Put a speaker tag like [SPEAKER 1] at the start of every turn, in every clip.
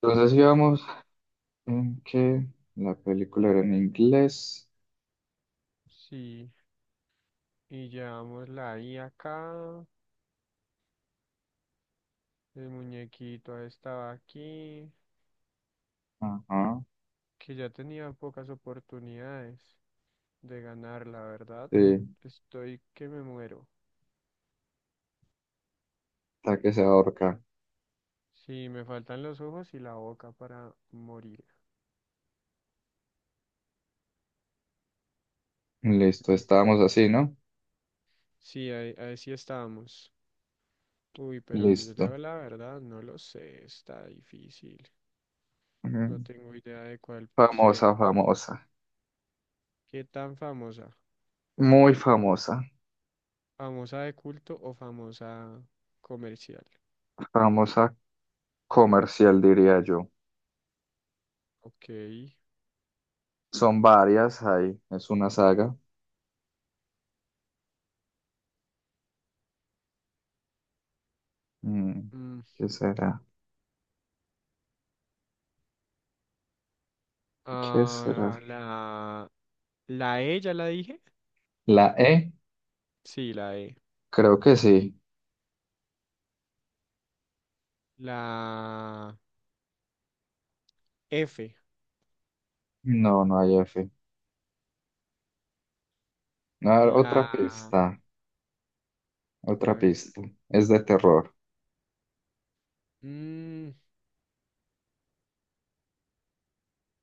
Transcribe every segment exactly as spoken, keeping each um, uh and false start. [SPEAKER 1] Entonces íbamos en que la película era en inglés.
[SPEAKER 2] Sí, y llevamos la I acá, el muñequito estaba aquí,
[SPEAKER 1] Ajá.
[SPEAKER 2] que ya tenía pocas oportunidades de ganar, la verdad.
[SPEAKER 1] Sí,
[SPEAKER 2] Estoy que me muero.
[SPEAKER 1] hasta que se ahorca.
[SPEAKER 2] Sí, me faltan los ojos y la boca para morir.
[SPEAKER 1] Listo, estábamos
[SPEAKER 2] Listo.
[SPEAKER 1] así, ¿no?
[SPEAKER 2] Sí, ahí, ahí sí estábamos. Uy, pero yo
[SPEAKER 1] Listo.
[SPEAKER 2] leo la verdad, no lo sé, está difícil. No
[SPEAKER 1] Ujú.
[SPEAKER 2] tengo idea de cuál sea.
[SPEAKER 1] Famosa, famosa.
[SPEAKER 2] ¿Qué tan famosa?
[SPEAKER 1] Muy famosa.
[SPEAKER 2] ¿Famosa de culto o famosa comercial?
[SPEAKER 1] Famosa comercial, diría yo.
[SPEAKER 2] Ok.
[SPEAKER 1] Son varias ahí. Es una saga. Mm,
[SPEAKER 2] mm,
[SPEAKER 1] ¿Qué será? ¿Qué será?
[SPEAKER 2] ah, la, la E ya la dije.
[SPEAKER 1] ¿La E?
[SPEAKER 2] Sí, la E.
[SPEAKER 1] Creo que sí.
[SPEAKER 2] La F.
[SPEAKER 1] No, no hay F. No, otra
[SPEAKER 2] La...
[SPEAKER 1] pista.
[SPEAKER 2] A
[SPEAKER 1] Otra
[SPEAKER 2] ver.
[SPEAKER 1] pista. Es de terror.
[SPEAKER 2] mm,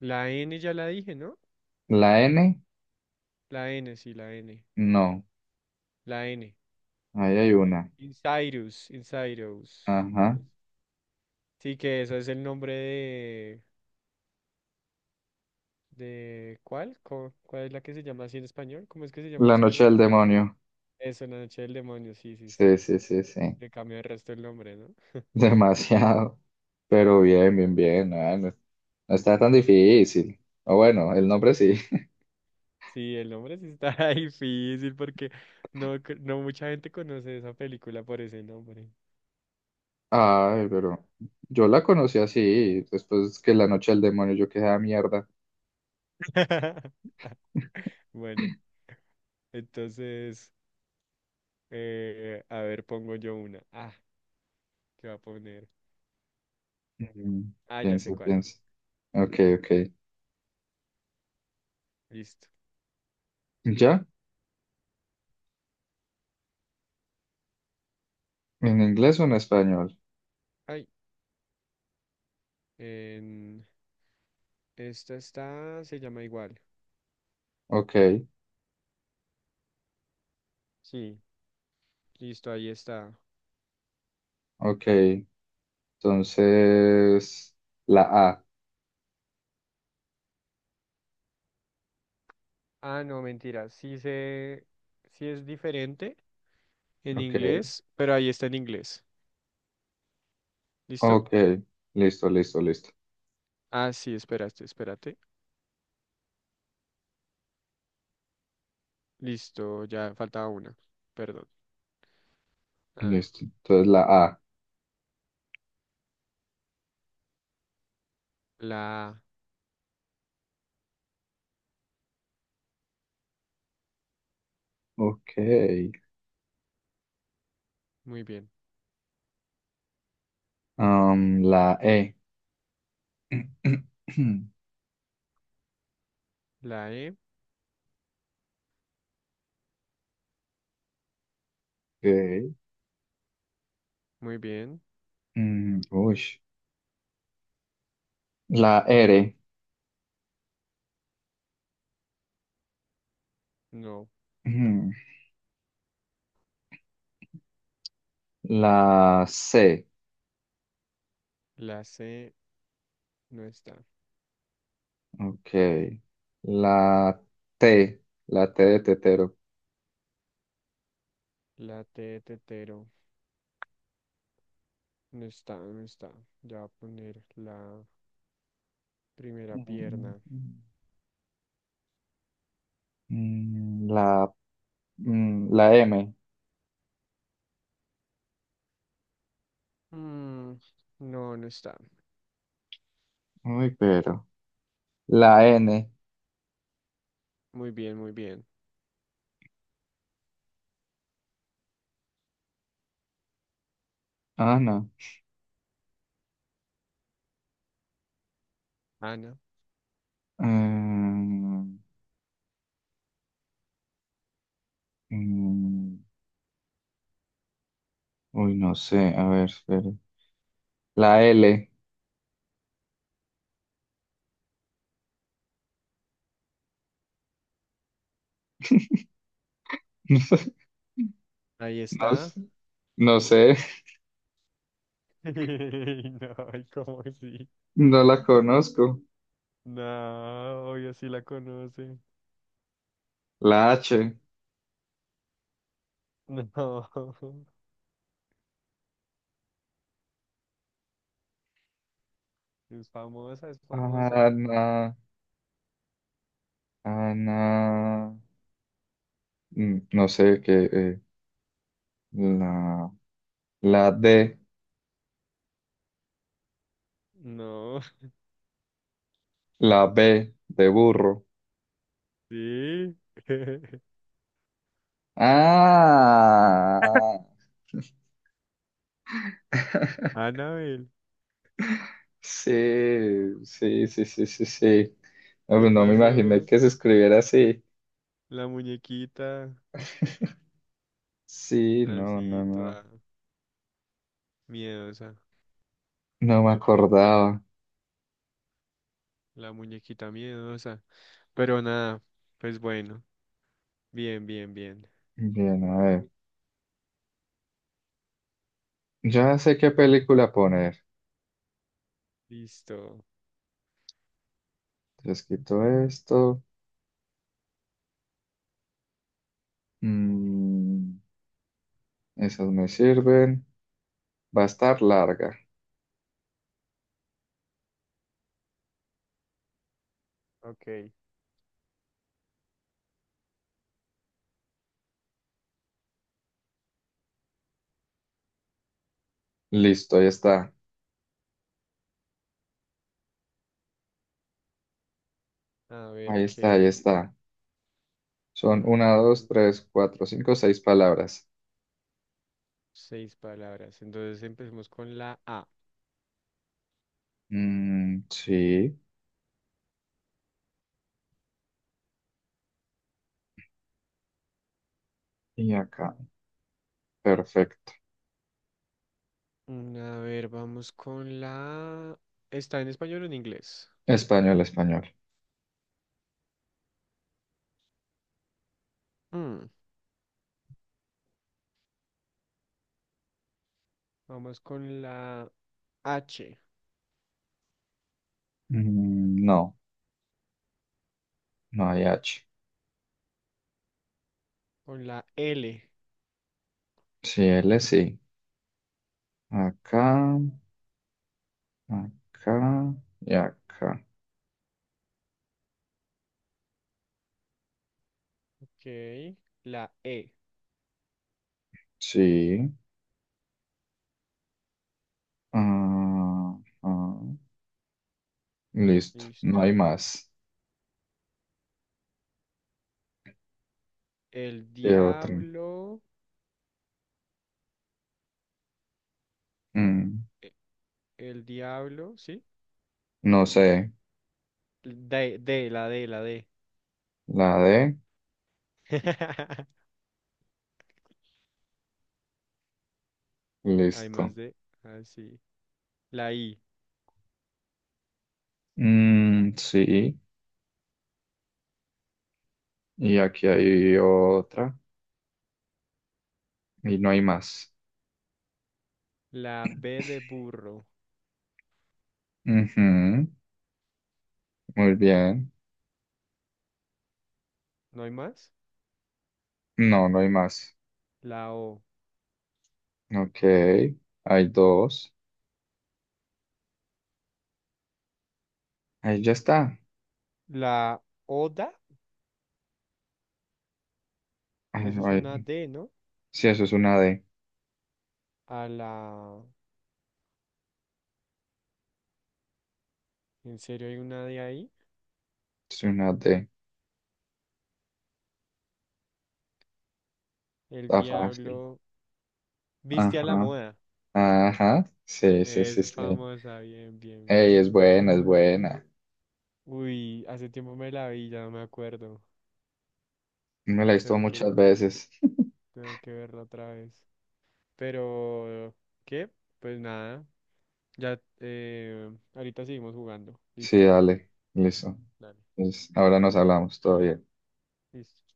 [SPEAKER 2] la N ya la dije, ¿no?
[SPEAKER 1] ¿La N?
[SPEAKER 2] La N, sí, la N.
[SPEAKER 1] No.
[SPEAKER 2] La N.
[SPEAKER 1] Ahí hay una.
[SPEAKER 2] Insidious. Insidious.
[SPEAKER 1] Ajá.
[SPEAKER 2] Sí, que eso es el nombre de... de ¿cuál? Co- ¿Cuál es la que se llama así en español? ¿Cómo es que se llama en
[SPEAKER 1] La noche
[SPEAKER 2] español?
[SPEAKER 1] del demonio.
[SPEAKER 2] Eso, la noche del demonio, sí, sí,
[SPEAKER 1] Sí,
[SPEAKER 2] sí.
[SPEAKER 1] sí, sí, sí.
[SPEAKER 2] Le cambió el resto el nombre, ¿no?
[SPEAKER 1] Demasiado. Pero bien, bien, bien. Ah, no, no está tan difícil. O bueno, el nombre sí.
[SPEAKER 2] Sí, el nombre sí está difícil porque no, cre- no mucha gente conoce esa película por ese nombre.
[SPEAKER 1] Ay, pero yo la conocí así. Después que la noche del demonio yo quedé a mierda.
[SPEAKER 2] Bueno, entonces, eh, a ver, pongo yo una. Ah, ¿qué va a poner?
[SPEAKER 1] Mm.
[SPEAKER 2] Ah, ya sé
[SPEAKER 1] Piensa,
[SPEAKER 2] cuál.
[SPEAKER 1] piensa. Ok, ok.
[SPEAKER 2] Listo.
[SPEAKER 1] ¿Ya? ¿En inglés o en español?
[SPEAKER 2] Ay, en... esta está, se llama igual.
[SPEAKER 1] Ok,
[SPEAKER 2] Sí, listo, ahí está.
[SPEAKER 1] ok. Entonces, la A.
[SPEAKER 2] Ah, no, mentira. Sí se, sí es diferente en
[SPEAKER 1] Ok,
[SPEAKER 2] inglés, pero ahí está en inglés. ¿Listo?
[SPEAKER 1] ok. Listo, listo, listo.
[SPEAKER 2] Ah, sí, espérate, espérate. Listo, ya faltaba una. Perdón. A ver,
[SPEAKER 1] Listo. Entonces la A.
[SPEAKER 2] la A,
[SPEAKER 1] Ok.
[SPEAKER 2] muy bien.
[SPEAKER 1] Am, la E.
[SPEAKER 2] La E,
[SPEAKER 1] Ok.
[SPEAKER 2] muy bien.
[SPEAKER 1] Mm, uy. La R.
[SPEAKER 2] No.
[SPEAKER 1] Ujú. La C.
[SPEAKER 2] La C, no está.
[SPEAKER 1] Ok. La T. La T de tetero.
[SPEAKER 2] La T, de tetero, no está, no está. Ya voy a poner la primera
[SPEAKER 1] Mm,
[SPEAKER 2] pierna.
[SPEAKER 1] mm, la, mm, la M.
[SPEAKER 2] Mm, no, no está.
[SPEAKER 1] Uy, pero. La N.
[SPEAKER 2] Muy bien, muy bien.
[SPEAKER 1] Ah, no.
[SPEAKER 2] Ana,
[SPEAKER 1] Eh, Mm, mm, Uy, no sé. A ver, espera. La L. No sé,
[SPEAKER 2] ahí
[SPEAKER 1] no, s-
[SPEAKER 2] está.
[SPEAKER 1] no sé,
[SPEAKER 2] No, ay, ¿cómo sí?
[SPEAKER 1] no la conozco.
[SPEAKER 2] No, obvio sí la conoce.
[SPEAKER 1] La H.
[SPEAKER 2] No, es famosa, es famosa.
[SPEAKER 1] Ana, Ana, mm, no sé qué. eh, la, la D,
[SPEAKER 2] No.
[SPEAKER 1] la B de burro.
[SPEAKER 2] Sí.
[SPEAKER 1] Ah.
[SPEAKER 2] Anabel,
[SPEAKER 1] Sí, sí, sí, sí, sí, sí. No,
[SPEAKER 2] ¿qué
[SPEAKER 1] pues no me imaginé
[SPEAKER 2] pasó?
[SPEAKER 1] que se escribiera así.
[SPEAKER 2] La muñequita,
[SPEAKER 1] Sí, no, no,
[SPEAKER 2] así
[SPEAKER 1] no.
[SPEAKER 2] toda miedosa,
[SPEAKER 1] No me acordaba.
[SPEAKER 2] la muñequita miedosa. Pero nada, pues bueno, bien, bien, bien.
[SPEAKER 1] Bien, a ver. Ya sé qué película poner.
[SPEAKER 2] Listo.
[SPEAKER 1] Les quito esto. Mm, esas me sirven. Va a estar larga.
[SPEAKER 2] Ok.
[SPEAKER 1] Listo, ahí está.
[SPEAKER 2] A ver
[SPEAKER 1] Ahí está, ahí
[SPEAKER 2] qué.
[SPEAKER 1] está. Son una, dos,
[SPEAKER 2] mm,
[SPEAKER 1] tres, cuatro, cinco, seis palabras.
[SPEAKER 2] seis palabras. Entonces empecemos con la A.
[SPEAKER 1] Mm, sí. Y acá. Perfecto.
[SPEAKER 2] Mm, a ver, vamos con la... ¿Está en español o en inglés?
[SPEAKER 1] Español, español.
[SPEAKER 2] Mm, vamos con la H,
[SPEAKER 1] Mm, no, no hay H.
[SPEAKER 2] con la L.
[SPEAKER 1] Sí, L sí. Acá, acá y acá.
[SPEAKER 2] Ok, la E,
[SPEAKER 1] Sí. Ah, ah. Listo, no hay
[SPEAKER 2] listo.
[SPEAKER 1] más.
[SPEAKER 2] El
[SPEAKER 1] ¿Qué otra?
[SPEAKER 2] diablo,
[SPEAKER 1] Mm,
[SPEAKER 2] e- el diablo, ¿sí?
[SPEAKER 1] no sé,
[SPEAKER 2] D, D, la D, la D.
[SPEAKER 1] la D,
[SPEAKER 2] Hay más
[SPEAKER 1] listo.
[SPEAKER 2] D, así. La I,
[SPEAKER 1] Mm, sí, y aquí hay otra, y no hay más.
[SPEAKER 2] la B de burro,
[SPEAKER 1] Ujú, muy bien.
[SPEAKER 2] ¿no hay más?
[SPEAKER 1] No, no hay más.
[SPEAKER 2] La O,
[SPEAKER 1] Ok, hay dos. Ahí ya está.
[SPEAKER 2] la Oda,
[SPEAKER 1] Ay,
[SPEAKER 2] eso es una
[SPEAKER 1] ay.
[SPEAKER 2] D, ¿no?
[SPEAKER 1] Sí, eso es una D.
[SPEAKER 2] A la, ¿en serio hay una D ahí?
[SPEAKER 1] Es una D.
[SPEAKER 2] El
[SPEAKER 1] Está fácil.
[SPEAKER 2] diablo, viste a la
[SPEAKER 1] Ajá,
[SPEAKER 2] moda,
[SPEAKER 1] ajá. Sí, sí, sí,
[SPEAKER 2] eso es
[SPEAKER 1] sí.
[SPEAKER 2] famosa, bien, bien,
[SPEAKER 1] Ey,
[SPEAKER 2] bien.
[SPEAKER 1] es buena, es buena.
[SPEAKER 2] Uy, hace tiempo me la vi, ya no me acuerdo.
[SPEAKER 1] Me la he visto
[SPEAKER 2] Tengo
[SPEAKER 1] muchas
[SPEAKER 2] que
[SPEAKER 1] veces.
[SPEAKER 2] Tengo que verla otra vez. Pero, ¿qué? Pues nada. Ya, eh, ahorita seguimos jugando.
[SPEAKER 1] Sí,
[SPEAKER 2] ¿Listo?
[SPEAKER 1] dale, listo.
[SPEAKER 2] Dale.
[SPEAKER 1] Entonces, ahora nos hablamos todavía.
[SPEAKER 2] Listo.